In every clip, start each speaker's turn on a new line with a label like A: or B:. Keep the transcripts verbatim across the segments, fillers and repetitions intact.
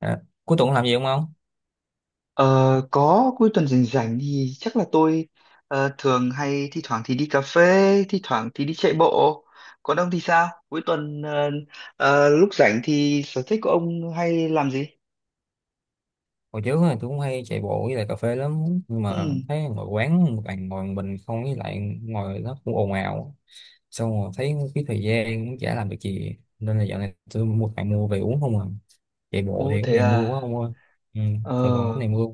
A: À, cuối tuần làm gì không ông?
B: Ờ, có cuối tuần rảnh rảnh thì chắc là tôi ờ, thường hay thi thoảng thì đi cà phê, thi thoảng thì đi chạy bộ. Còn ông thì sao? Cuối tuần ờ, ờ, lúc rảnh thì sở thích của ông hay làm gì?
A: Hồi trước thì tôi cũng hay chạy bộ với lại cà phê lắm, nhưng mà
B: Ừ.
A: thấy ngồi quán một bàn ngồi một mình không, với lại ngồi nó cũng ồn ào, xong rồi thấy cái thời gian cũng chả làm được gì, nên là dạo này tôi mua bạn mua về uống không à. Chạy bộ
B: Ồ,
A: thì góc
B: thế
A: này mưa
B: à.
A: quá ông ơi. Ừ,
B: Ờ.
A: Sài Gòn góc này mưa.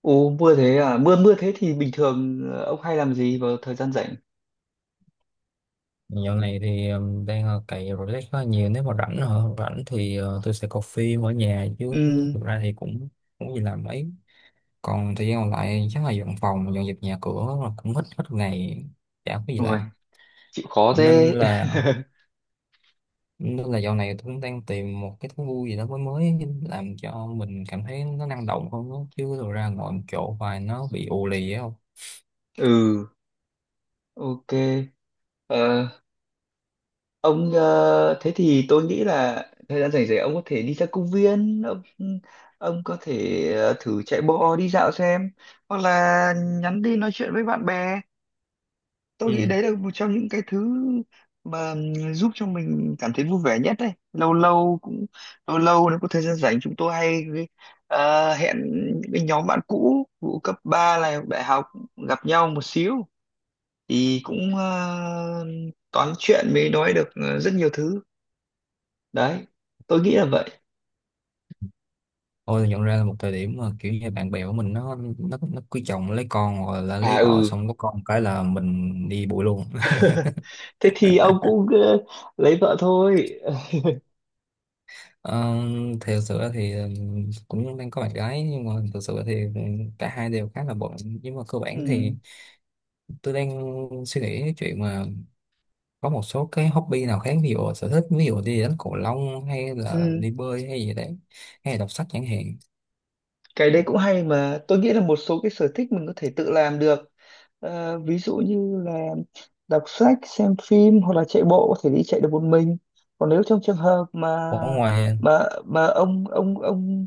B: Ồ, mưa thế à. Mưa mưa thế thì bình thường ờ, ông hay làm gì vào thời gian rảnh?
A: Dạo này thì um, đang ờ, cày relax khá nhiều, nếu mà rảnh hả rảnh thì ờ, tôi sẽ coi phim ở nhà chứ
B: Ừ.
A: thực ra thì cũng không có gì làm mấy. Còn thời gian còn lại chắc là dọn phòng dọn dẹp nhà cửa là cũng hết hết ngày, chả có gì làm.
B: Ôi, chịu khó
A: nên
B: thế.
A: là nên là dạo này tôi cũng đang tìm một cái thú vui gì đó mới mới làm cho mình cảm thấy nó năng động hơn đó. Chứ rồi ra ngồi một chỗ hoài nó bị ù lì á không.
B: Ừ. Ok. Ờ, ông ờ, Thế thì tôi nghĩ là thời gian rảnh rỗi ông có thể đi ra công viên, ông ông có thể ờ, thử chạy bộ đi dạo xem, hoặc là nhắn đi nói chuyện với bạn bè. Tôi
A: Ừ.
B: nghĩ đấy là một trong những cái thứ mà ừm, giúp cho mình cảm thấy vui vẻ nhất đấy. Lâu lâu cũng Lâu lâu nếu có thời gian rảnh chúng tôi hay ờ, hẹn những cái nhóm bạn cũ vụ cấp ba này, đại học, gặp nhau một xíu thì cũng ờ, toán chuyện mới nói được ờ, rất nhiều thứ. Đấy, tôi nghĩ là vậy.
A: Tôi nhận ra là một thời điểm mà kiểu như bạn bè của mình nó nó nó cưới chồng lấy con, hoặc là lấy
B: À,
A: vợ
B: ừ.
A: xong có con cái là mình đi bụi luôn.
B: Thế thì ông cũng ờ, lấy vợ thôi.
A: Ờ, thì thực sự ra thì ừ, cũng đang có bạn gái, nhưng mà thực sự thì ừ, cả hai đều khá là bận, nhưng mà cơ bản thì
B: Ừ,
A: tôi đang suy nghĩ cái chuyện mà có một số cái hobby nào khác, ví dụ sở thích, ví dụ đi đánh cầu lông hay là
B: ừ,
A: đi bơi hay gì đấy, hay là đọc sách chẳng hạn.
B: cái đấy cũng hay mà tôi nghĩ là một số cái sở thích mình có thể tự làm được. Ờ, ví dụ như là đọc sách, xem phim hoặc là chạy bộ có thể đi chạy được một mình. Còn nếu trong trường hợp mà
A: Ở ngoài.
B: mà mà ông ông ông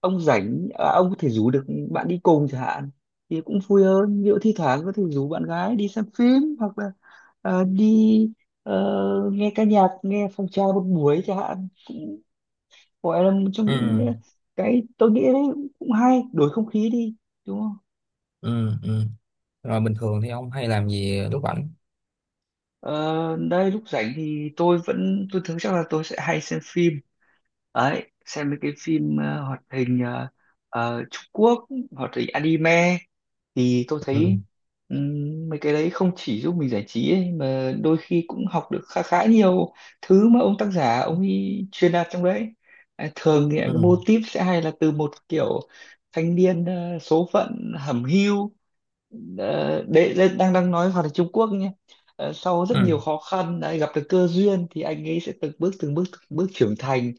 B: ông rảnh à, ông có thể rủ được bạn đi cùng chẳng hạn thì cũng vui hơn. Ví dụ thi thoảng có thể rủ bạn gái đi xem phim hoặc là ờ, đi ờ, nghe ca nhạc, nghe phòng trà một buổi chẳng hạn, gọi là một trong
A: Ừ,
B: những cái tôi nghĩ đấy cũng hay đổi không khí đi, đúng không?
A: ừ, ừ. Rồi bình thường thì ông hay làm gì lúc rảnh?
B: ờ, Đây lúc rảnh thì tôi vẫn tôi thường, chắc là tôi sẽ hay xem phim. Đấy, xem mấy cái phim ờ, hoạt hình, ờ, ờ, Trung Quốc, hoạt hình anime thì tôi
A: Ừ,
B: thấy ừm, mấy cái đấy không chỉ giúp mình giải trí ấy, mà đôi khi cũng học được khá khá nhiều thứ mà ông tác giả ông ấy truyền đạt trong đấy. À, thường thì cái
A: ừ,
B: mô típ sẽ hay là từ một kiểu thanh niên ờ, số phận hẩm hiu. Ờ, đấy đấy, đang đang nói hoạt động Trung Quốc nhé. Ờ, sau rất
A: ừ,
B: nhiều khó khăn đã gặp được cơ duyên thì anh ấy sẽ từng bước từng bước từng bước trưởng thành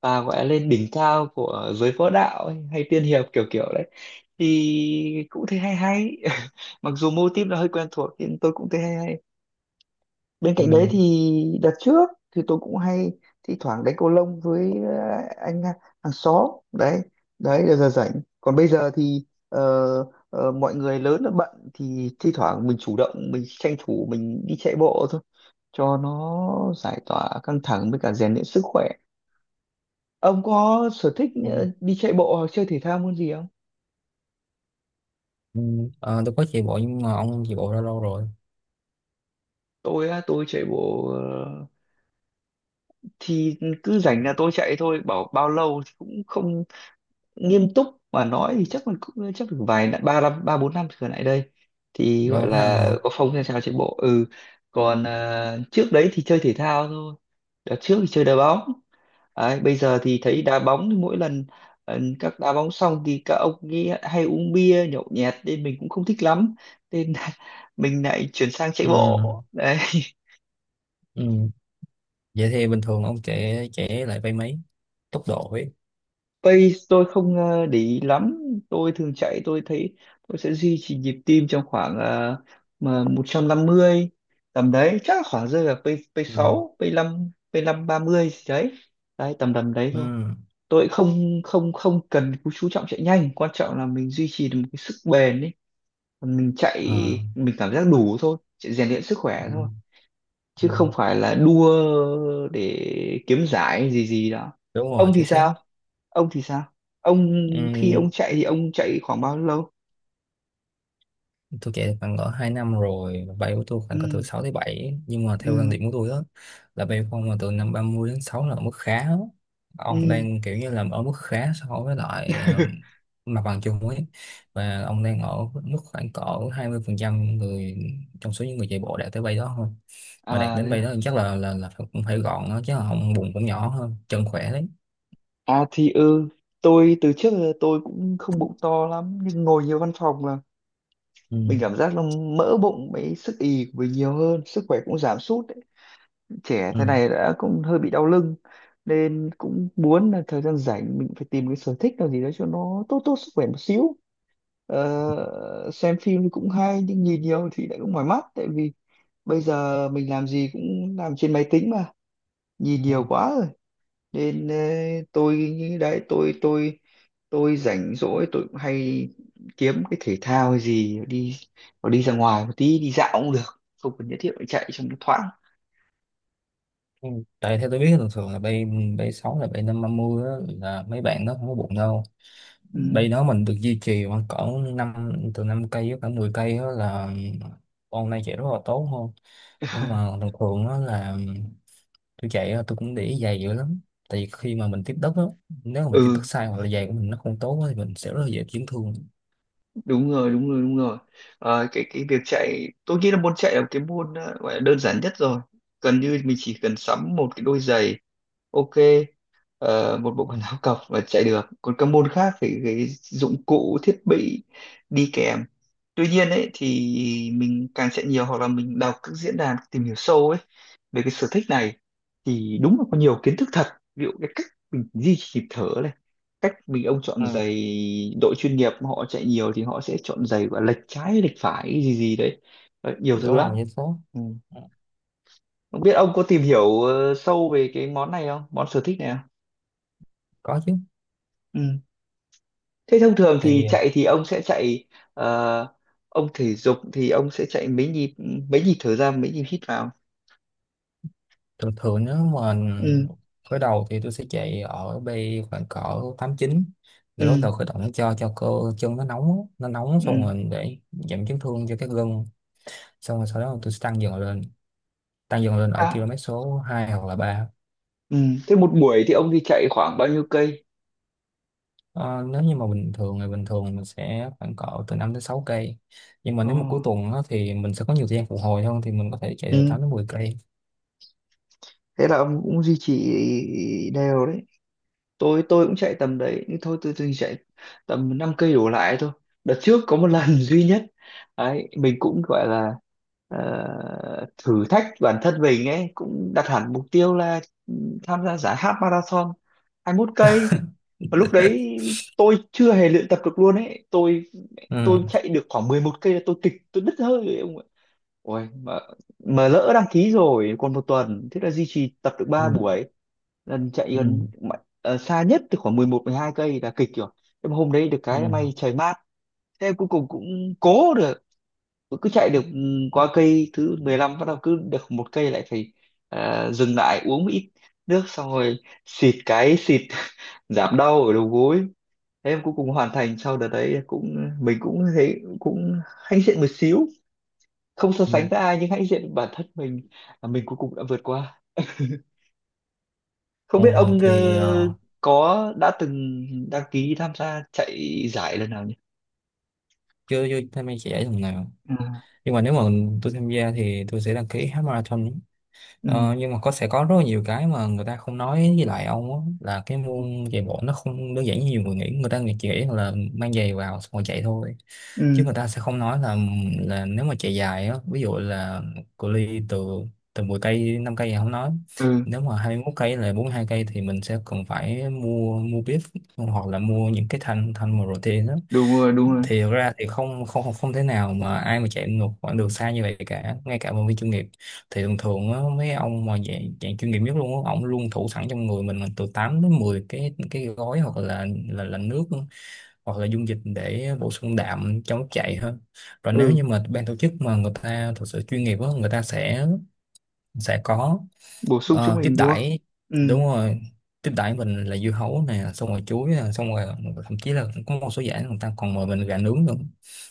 B: và gọi là lên đỉnh cao của giới võ đạo ấy, hay tiên hiệp kiểu kiểu đấy thì cũng thấy hay hay. Mặc dù mô típ nó hơi quen thuộc nhưng tôi cũng thấy hay hay. Bên
A: ừ,
B: cạnh đấy thì đợt trước thì tôi cũng hay thi thoảng đánh cầu lông với ờ, anh à, hàng xóm. Đấy, đấy là giờ rảnh. Còn bây giờ thì ờ, ờ, mọi người lớn là bận thì thi thoảng mình chủ động mình tranh thủ mình đi chạy bộ thôi, cho nó giải tỏa căng thẳng với cả rèn luyện sức khỏe. Ông có sở thích
A: ừ.
B: ờ, đi chạy bộ hoặc chơi thể thao môn gì không?
A: Ừ. Ờ, tôi có chạy bộ, nhưng mà ông chạy bộ ra lâu rồi?
B: Tôi á, tôi chạy bộ ờ, thì cứ rảnh là tôi chạy thôi, bảo bao lâu thì cũng không nghiêm túc mà nói thì chắc mình cũng chắc được vài năm, ba năm ba bốn năm trở lại đây thì gọi
A: Bao năm
B: là
A: hả?
B: có phong trào chạy bộ. Ừ, còn à, trước đấy thì chơi thể thao thôi. Đợt trước thì chơi đá bóng. Đấy, bây giờ thì thấy đá bóng thì mỗi lần ờ, các đá bóng xong thì các ông ấy hay uống bia nhậu nhẹt nên mình cũng không thích lắm, nên mình lại chuyển sang chạy
A: Ừ.
B: bộ đấy.
A: Ừ. Vậy thì bình thường ông chạy chạy lại vay mấy tốc độ ấy?
B: Pace tôi không ờ, để ý lắm. Tôi thường chạy tôi thấy tôi sẽ duy trì nhịp tim trong khoảng ờ, mà một trăm năm mươi, tầm đấy chắc là khoảng rơi vào pace pace
A: Ừ.
B: sáu, pace năm, pace năm ba mươi gì đấy. Đấy, tầm tầm đấy thôi.
A: Ừ.
B: Tôi không không không cần chú trọng chạy nhanh, quan trọng là mình duy trì được một cái sức bền ấy. Mình chạy
A: À.
B: mình cảm giác đủ thôi, chạy rèn luyện sức khỏe thôi,
A: Ừ.
B: chứ
A: Ừ.
B: không phải là đua để kiếm giải gì gì đó.
A: Đúng rồi,
B: Ông thì
A: chính xác.
B: sao? Ông thì sao? ông
A: Ừ.
B: Khi ông chạy thì ông chạy khoảng bao lâu?
A: Tôi chạy khoảng cỡ hai năm rồi, bay của tôi
B: Ừ,
A: khoảng cỡ từ sáu tới bảy, nhưng mà theo quan
B: ừ,
A: điểm của tôi đó là bay không mà từ năm ba mươi đến sáu là ở mức khá đó. Ông
B: ừ.
A: đang kiểu như là ở mức khá so với lại ờ, mặt bằng chung ấy, và ông đang ở mức khoảng cỡ hai mươi phần trăm người trong số những người chạy bộ đạt tới bay đó thôi. Mà đạt đến bay đó
B: À,
A: thì chắc là là là phải- cũng phải gọn đó, chứ không bụng cũng nhỏ hơn chân khỏe đấy.
B: à, thì ừ, tôi từ trước giờ tôi cũng không bụng to lắm nhưng ngồi nhiều văn phòng là mình
A: Ừ,
B: cảm giác là mỡ bụng với sức ì của mình nhiều hơn, sức khỏe cũng giảm sút, trẻ thế này đã cũng hơi bị đau lưng, nên cũng muốn là thời gian rảnh mình phải tìm cái sở thích nào gì đó cho nó tốt tốt sức khỏe một xíu. Ờ, xem phim thì cũng hay nhưng nhìn nhiều thì lại cũng mỏi mắt, tại vì bây giờ mình làm gì cũng làm trên máy tính mà, nhìn
A: ừ.
B: nhiều quá rồi. Nên ờ, tôi nghĩ đấy, tôi tôi tôi rảnh rỗi tôi cũng hay kiếm cái thể thao hay gì đi, hoặc đi ra ngoài một tí đi dạo cũng được, không cần nhất thiết phải chạy, trong nó thoáng.
A: Ừ. Tại theo tôi biết thường thường là bay bay sáu là bay năm ba mươi á, là mấy bạn nó không có bụng đâu.
B: Ừ.
A: Bay đó mình được duy trì khoảng cỡ năm, từ năm cây với cả mười cây đó là con này chạy rất là tốt không. Nhưng mà thường thường đó là tôi chạy á, tôi cũng để ý giày dữ lắm, tại vì khi mà mình tiếp đất á, nếu mà mình tiếp
B: Ừ,
A: đất sai hoặc là giày của mình nó không tốt á, thì mình sẽ rất là dễ chấn thương.
B: đúng rồi, đúng rồi, đúng rồi. Ờ, cái cái việc chạy tôi nghĩ là môn chạy là một cái môn ờ, gọi là đơn giản nhất rồi. Gần như mình chỉ cần sắm một cái đôi giày, ok, ờ, một bộ
A: Ừ.
B: quần áo cộc và chạy được, còn các môn khác phải cái dụng cụ thiết bị đi kèm. Tuy nhiên ấy thì mình càng chạy nhiều hoặc là mình đọc các diễn đàn tìm hiểu sâu ấy về cái sở thích này thì đúng là có nhiều kiến thức thật. Ví dụ cái cách mình duy trì nhịp thở này, cách mình ông chọn
A: Ừ.
B: giày, đội chuyên nghiệp họ chạy nhiều thì họ sẽ chọn giày và lệch trái lệch phải gì gì đấy. Đấy, nhiều
A: Đúng
B: thứ lắm.
A: rồi vậy tốt.
B: Ừ, không biết ông có tìm hiểu ờ, sâu về cái món này không, món sở thích này không?
A: Có chứ.
B: Ừ, thế thông thường thì
A: Thì
B: chạy thì ông sẽ chạy ờ, ông thể dục thì ông sẽ chạy mấy nhịp, ừ, mấy nhịp thở ra mấy nhịp hít vào?
A: thường thường nếu mà
B: Ừ,
A: khởi đầu thì tôi sẽ chạy ở bay khoảng cỡ tám chín, để bắt
B: ừ,
A: đầu khởi động cho cho cơ chân nó nóng, nó nóng xong
B: ừ.
A: rồi để giảm chấn thương cho các gân, xong rồi sau đó tôi sẽ tăng dần lên, tăng dần lên ở
B: À.
A: km số hai hoặc là ba.
B: Ừ. Thế một buổi thì ông đi chạy khoảng bao nhiêu cây?
A: Ờ, nếu như mà bình thường ngày bình thường mình sẽ khoảng cỡ từ năm đến sáu cây, nhưng mà
B: Ồ.
A: nếu mà cuối tuần á, thì mình sẽ có nhiều thời gian phục hồi hơn, thì mình có thể chạy từ
B: Ừ.
A: tám đến mười cây
B: Thế là ông cũng duy trì đều đấy. Tôi tôi cũng chạy tầm đấy, nhưng thôi tôi tôi chạy tầm năm cây đổ lại thôi. Đợt trước có một lần duy nhất, đấy, mình cũng gọi là ờ, thử thách bản thân mình ấy, cũng đặt hẳn mục tiêu là tham gia giải half marathon hai mươi mốt cây. Và lúc đấy tôi chưa hề luyện tập được luôn ấy. Tôi
A: Ừ.
B: tôi chạy được khoảng mười một cây là tôi kịch, tôi đứt hơi rồi, ông ạ. Ôi, mà, mà lỡ đăng ký rồi còn một tuần, thế là duy trì tập được
A: Ừ.
B: ba buổi, lần chạy
A: Ừ.
B: gần mà- ờ, xa nhất thì khoảng mười một hai cây là kịch rồi, nhưng mà hôm đấy được
A: Ừ.
B: cái là may trời mát, thế em cuối cùng cũng cố được, cứ chạy được ừ, qua cây thứ mười lăm bắt đầu cứ được một cây lại phải ờ, dừng lại uống một ít nước, xong rồi xịt cái xịt giảm đau ở đầu gối. Thế em cuối cùng hoàn thành. Sau đợt đấy cũng mình cũng thấy cũng hãnh diện một xíu, không so
A: Ừ.
B: sánh với ai nhưng hãy diện bản thân mình là mình cuối cùng đã vượt qua. Không
A: Ừ.
B: biết ông ờ,
A: Thì ờ,
B: có đã từng đăng ký tham gia chạy giải lần nào nhỉ?
A: chưa chưa tham gia chạy thằng nào,
B: Ừ,
A: nhưng mà nếu mà tôi tham gia thì tôi sẽ đăng ký half marathon. Ờ,
B: ừ,
A: nhưng mà có sẽ có rất là nhiều cái mà người ta không nói với lại ông á, là cái môn chạy bộ nó không đơn giản như nhiều người nghĩ, người ta nghĩ chỉ nghĩ là mang giày vào xong rồi chạy thôi.
B: ừ,
A: Chứ người ta sẽ không nói là là nếu mà chạy dài á, ví dụ là cự ly từ từ mười cây năm cây thì không nói,
B: ừ,
A: nếu mà hai mươi mốt cây là bốn mươi hai cây thì mình sẽ cần phải mua mua bib, hoặc là mua những cái thanh thanh mà protein đó.
B: đúng rồi, đúng rồi.
A: Thì thực ra thì không không không không thể nào mà ai mà chạy một quãng đường xa như vậy cả, ngay cả vận động viên chuyên nghiệp. Thì thường thường á, mấy ông mà dạng, dạng chuyên nghiệp nhất luôn á, ổng luôn thủ sẵn trong người mình là từ tám đến mười cái cái gói, hoặc là là là nước hoặc là dung dịch để bổ sung đạm trong lúc chạy hơn. Rồi nếu
B: Ừ,
A: như mà ban tổ chức mà người ta thật sự chuyên nghiệp á, người ta sẽ sẽ có.
B: bổ sung cho
A: Ờ, tiếp
B: mình đúng không?
A: đãi.
B: Ừ.
A: Đúng rồi, tiếp đãi mình là dưa hấu nè, xong rồi chuối nè, xong rồi thậm chí là có một số giảng người ta còn mời mình gà nướng nữa,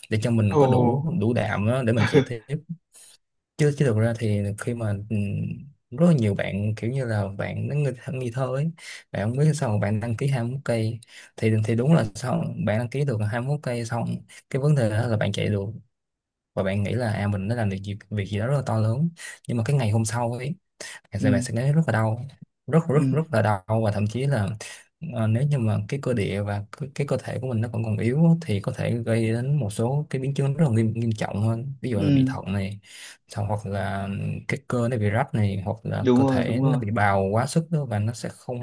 A: để cho mình
B: Ồ.
A: có đủ đủ đạm á, để mình chạy tiếp. Chứ chứ thực ra thì khi mà ừm, rất là nhiều bạn kiểu như là bạn nó nghi, nghi thơ ấy, bạn không biết sao mà bạn đăng ký hai mươi mốt cây. thì thì đúng là sao bạn đăng ký được hai mươi mốt cây, xong cái vấn đề đó là bạn chạy được, và bạn nghĩ là à mình đã làm được việc, việc gì đó rất là to lớn. Nhưng mà cái ngày hôm sau ấy thật
B: Ừ,
A: sự bạn sẽ thấy rất là đau, rất rất
B: ừ,
A: rất là đau, và thậm chí là ờ, nếu như mà cái cơ địa và cái, cái cơ thể của mình nó còn còn yếu á, thì có thể gây đến một số cái biến chứng rất là nghiêm nghiêm trọng hơn, ví dụ là bị
B: ừ,
A: thận này, xong hoặc là cái cơ nó bị rách này, hoặc là
B: đúng
A: cơ
B: rồi,
A: thể
B: đúng
A: nó
B: rồi.
A: bị bào quá sức đó, và nó sẽ không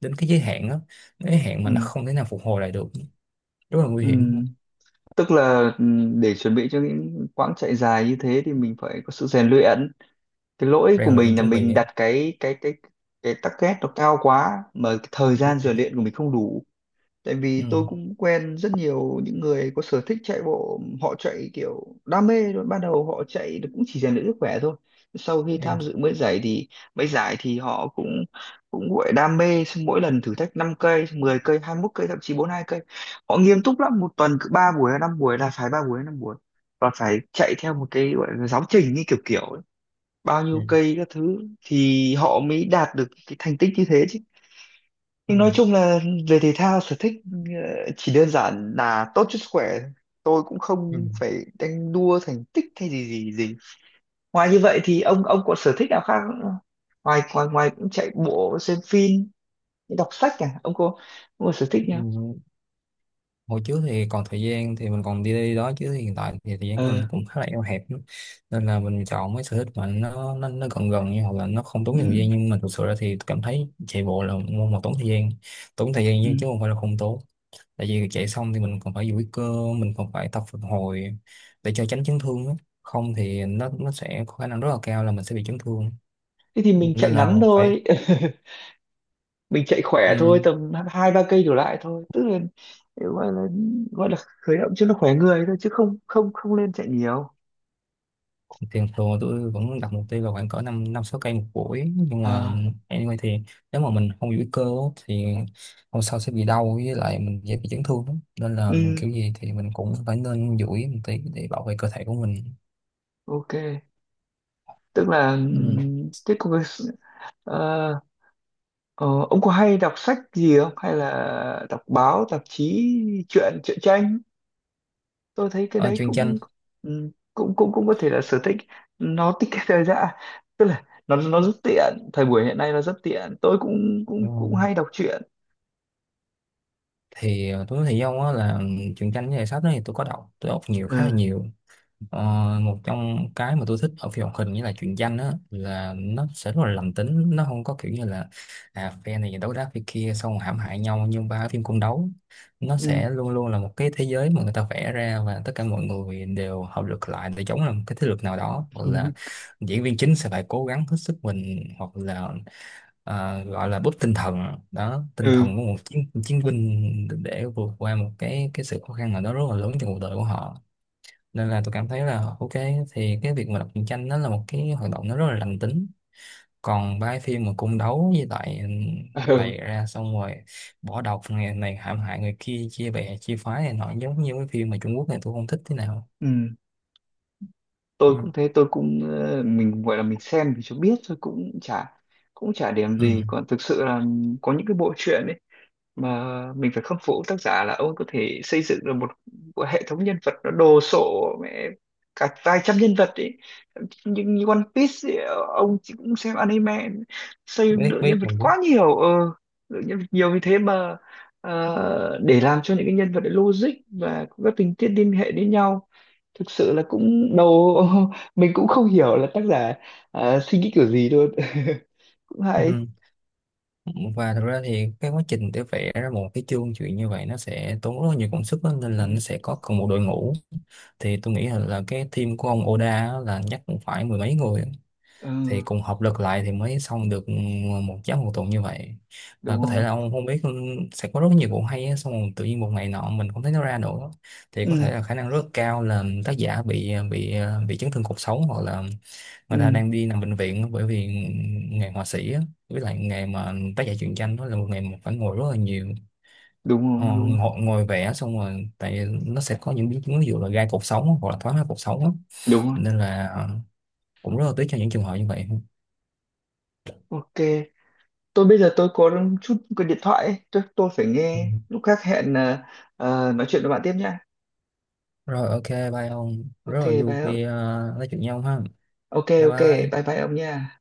A: đến cái giới hạn đó, giới hạn mà nó
B: Ừ,
A: không thể nào phục hồi lại được, rất là nguy
B: ừ,
A: hiểm.
B: tức là ừ, để chuẩn bị cho những quãng chạy dài như thế thì mình phải có sự rèn luyện. Cái lỗi của
A: Rèn luyện
B: mình là
A: chuẩn
B: mình
A: bị.
B: đặt cái cái cái cái target nó cao quá mà cái thời
A: Ừ.
B: gian rèn luyện của mình không đủ, tại
A: Ừ.
B: vì
A: Ừ.
B: tôi cũng quen rất nhiều những người có sở thích chạy bộ, họ chạy kiểu đam mê rồi, ban đầu họ chạy được cũng chỉ rèn luyện sức khỏe thôi, sau khi
A: Em.
B: tham dự mấy giải thì mấy giải thì họ cũng cũng gọi đam mê, xong mỗi lần thử thách năm cây, mười cây, hai mươi mốt cây, thậm chí bốn mươi hai cây, họ nghiêm túc lắm, một tuần cứ ba buổi hay năm buổi là phải ba buổi hay năm buổi, và phải chạy theo một cái gọi là giáo trình như kiểu kiểu ấy, bao nhiêu cây các thứ, thì họ mới đạt được cái thành tích như thế chứ.
A: Ừ.
B: Nhưng nói chung là về thể thao sở thích ờ, chỉ đơn giản là tốt cho sức khỏe, tôi cũng
A: Ừ.
B: không phải đánh đua thành tích hay gì gì gì. Ngoài như vậy thì ông ông có sở thích nào khác không? Ngoài ngoài ngoài cũng chạy bộ, xem phim, đọc sách, à ông có ông có sở thích nào?
A: Ừ. Hồi trước thì còn thời gian thì mình còn đi đi đó, chứ hiện tại thì thời gian của
B: Ờ,
A: mình cũng khá là eo hẹp lắm. Nên là mình chọn mấy sở thích mà nó nó, nó gần gần như, hoặc là nó không tốn
B: ừ,
A: nhiều thời gian, nhưng mà thực sự ra thì cảm thấy chạy bộ là môn mà tốn thời gian, tốn thời gian
B: ừ,
A: chứ chứ không phải là không tốn. Tại vì chạy xong thì mình còn phải duỗi cơ, mình còn phải tập phục hồi để cho tránh chấn thương á. Không thì nó nó sẽ có khả năng rất là cao là mình sẽ bị chấn thương,
B: thế thì mình chạy
A: nên là
B: ngắn
A: phải...
B: thôi, mình chạy khỏe thôi,
A: Ừ,
B: tầm hai ba cây đổ lại thôi, tức là gọi là gọi là khởi động cho nó khỏe người thôi chứ không không không nên chạy nhiều.
A: thường thường tôi vẫn đặt mục tiêu là khoảng cỡ năm năm sáu cây một buổi, nhưng mà
B: À.
A: anyway thì nếu mà mình không giữ cơ á, thì hôm sau sẽ bị đau với lại mình dễ bị chấn thương lắm. Nên là
B: Ừ.
A: kiểu gì thì mình cũng phải nên duỗi một tí để bảo vệ cơ thể của mình.
B: Ok, tức là
A: Ừ.
B: ừm, thế còn cái- ờ, ờ, ông có hay đọc sách gì không, hay là đọc báo tạp chí, truyện truyện tranh? Tôi thấy cái
A: À,
B: đấy
A: truyện tranh.
B: cũng ừm, cũng cũng cũng có thể là sở thích, nó tiết kiệm thời gian, tức là nó nó rất tiện, thời buổi hiện nay nó rất tiện, tôi cũng cũng
A: Đúng rồi.
B: cũng hay đọc truyện.
A: Thì ờ, tôi nói thì do á là truyện tranh với lại sách đó thì tôi có đọc, tôi đọc nhiều khá là
B: Ừ.
A: nhiều. Ờ, một trong cái mà tôi thích ở phim hoạt hình như là truyện tranh á là nó sẽ rất là lành tính, nó không có kiểu như là à phe này đấu đá phe kia xong rồi hãm hại nhau nhưng ba phim cung đấu. Nó
B: Ừ.
A: sẽ luôn luôn là một cái thế giới mà người ta vẽ ra, và tất cả mọi người đều hợp lực lại để chống lại một cái thế lực nào đó, hoặc là
B: Ừ,
A: diễn viên chính sẽ phải cố gắng hết sức mình, hoặc là à, gọi là búp tinh thần đó, tinh
B: ừ.
A: thần của một chiến chiến binh để vượt qua một cái cái sự khó khăn nào đó rất là lớn trong cuộc đời của họ. Nên là tôi cảm thấy là ok, thì cái việc mà đọc truyện tranh nó là một cái hoạt động nó rất là lành tính. Còn ba cái phim mà cung đấu với lại
B: Ừ.
A: bày ra xong rồi bỏ độc người này, hãm hại người kia, chia bè chia phái này nọ, giống như cái phim mà Trung Quốc này, tôi không thích thế nào.
B: Ừ. Tôi
A: Ừ.
B: cũng thế, tôi cũng ờ, mình gọi là mình xem thì cho biết thôi, cũng chả cũng chả điểm
A: Ừ.
B: gì. Còn thực sự là có những cái bộ truyện mà mình phải khâm phục tác giả là ông ấy có thể xây dựng được một, một hệ thống nhân vật nó đồ sộ mẹ cả vài trăm nhân vật ấy, nhưng như One Piece ấy, ông chỉ cũng xem anime, xây
A: Biết
B: lượng nhân
A: biết
B: vật
A: mình biết.
B: quá nhiều, ờ lượng nhân vật nhiều như thế mà ờ, để làm cho những cái nhân vật đấy logic và có các tình tiết liên hệ đến nhau, thực sự là cũng đầu mình cũng không hiểu là tác giả ờ, suy nghĩ kiểu gì luôn. Cũng hay.
A: Ừ. Và thật ra thì cái quá trình để vẽ ra một cái chương chuyện như vậy nó sẽ tốn rất là nhiều công sức đó, nên là nó
B: Ừ,
A: sẽ có cần một đội ngũ. Thì tôi nghĩ là, là cái team của ông Oda á, là chắc cũng phải mười mấy người,
B: ừ,
A: thì cùng hợp lực lại thì mới xong được một giấc một tuần như vậy.
B: đúng
A: Và có thể
B: không?
A: là ông không biết, sẽ có rất nhiều vụ hay á, xong rồi tự nhiên một ngày nọ mình không thấy nó ra nữa, thì có thể là khả năng rất cao là tác giả bị bị bị chấn thương cột sống, hoặc là
B: Ừ,
A: người ta đang đi nằm bệnh viện á, bởi vì nghề họa sĩ á, với lại nghề mà tác giả truyện tranh đó là một nghề mà phải ngồi rất là nhiều.
B: đúng
A: Ờ,
B: rồi, đúng rồi,
A: ngồi, ngồi vẽ xong rồi tại nó sẽ có những biến chứng, ví dụ là gai cột sống hoặc là thoái hóa cột sống á.
B: đúng rồi.
A: Nên là ờ, cũng rất là tiếc cho những trường hợp như vậy.
B: Ok, tôi bây giờ tôi có chút cái điện thoại ấy. Tôi, tôi phải
A: Ừ.
B: nghe lúc khác, hẹn ờ, ờ, nói chuyện với bạn tiếp nha.
A: Rồi ok bye ông. Rất
B: Ok,
A: là vui
B: bye ông.
A: khi ờ, nói chuyện với ông ha.
B: Ok,
A: Bye
B: ok, bye
A: bye.
B: bye ông nha.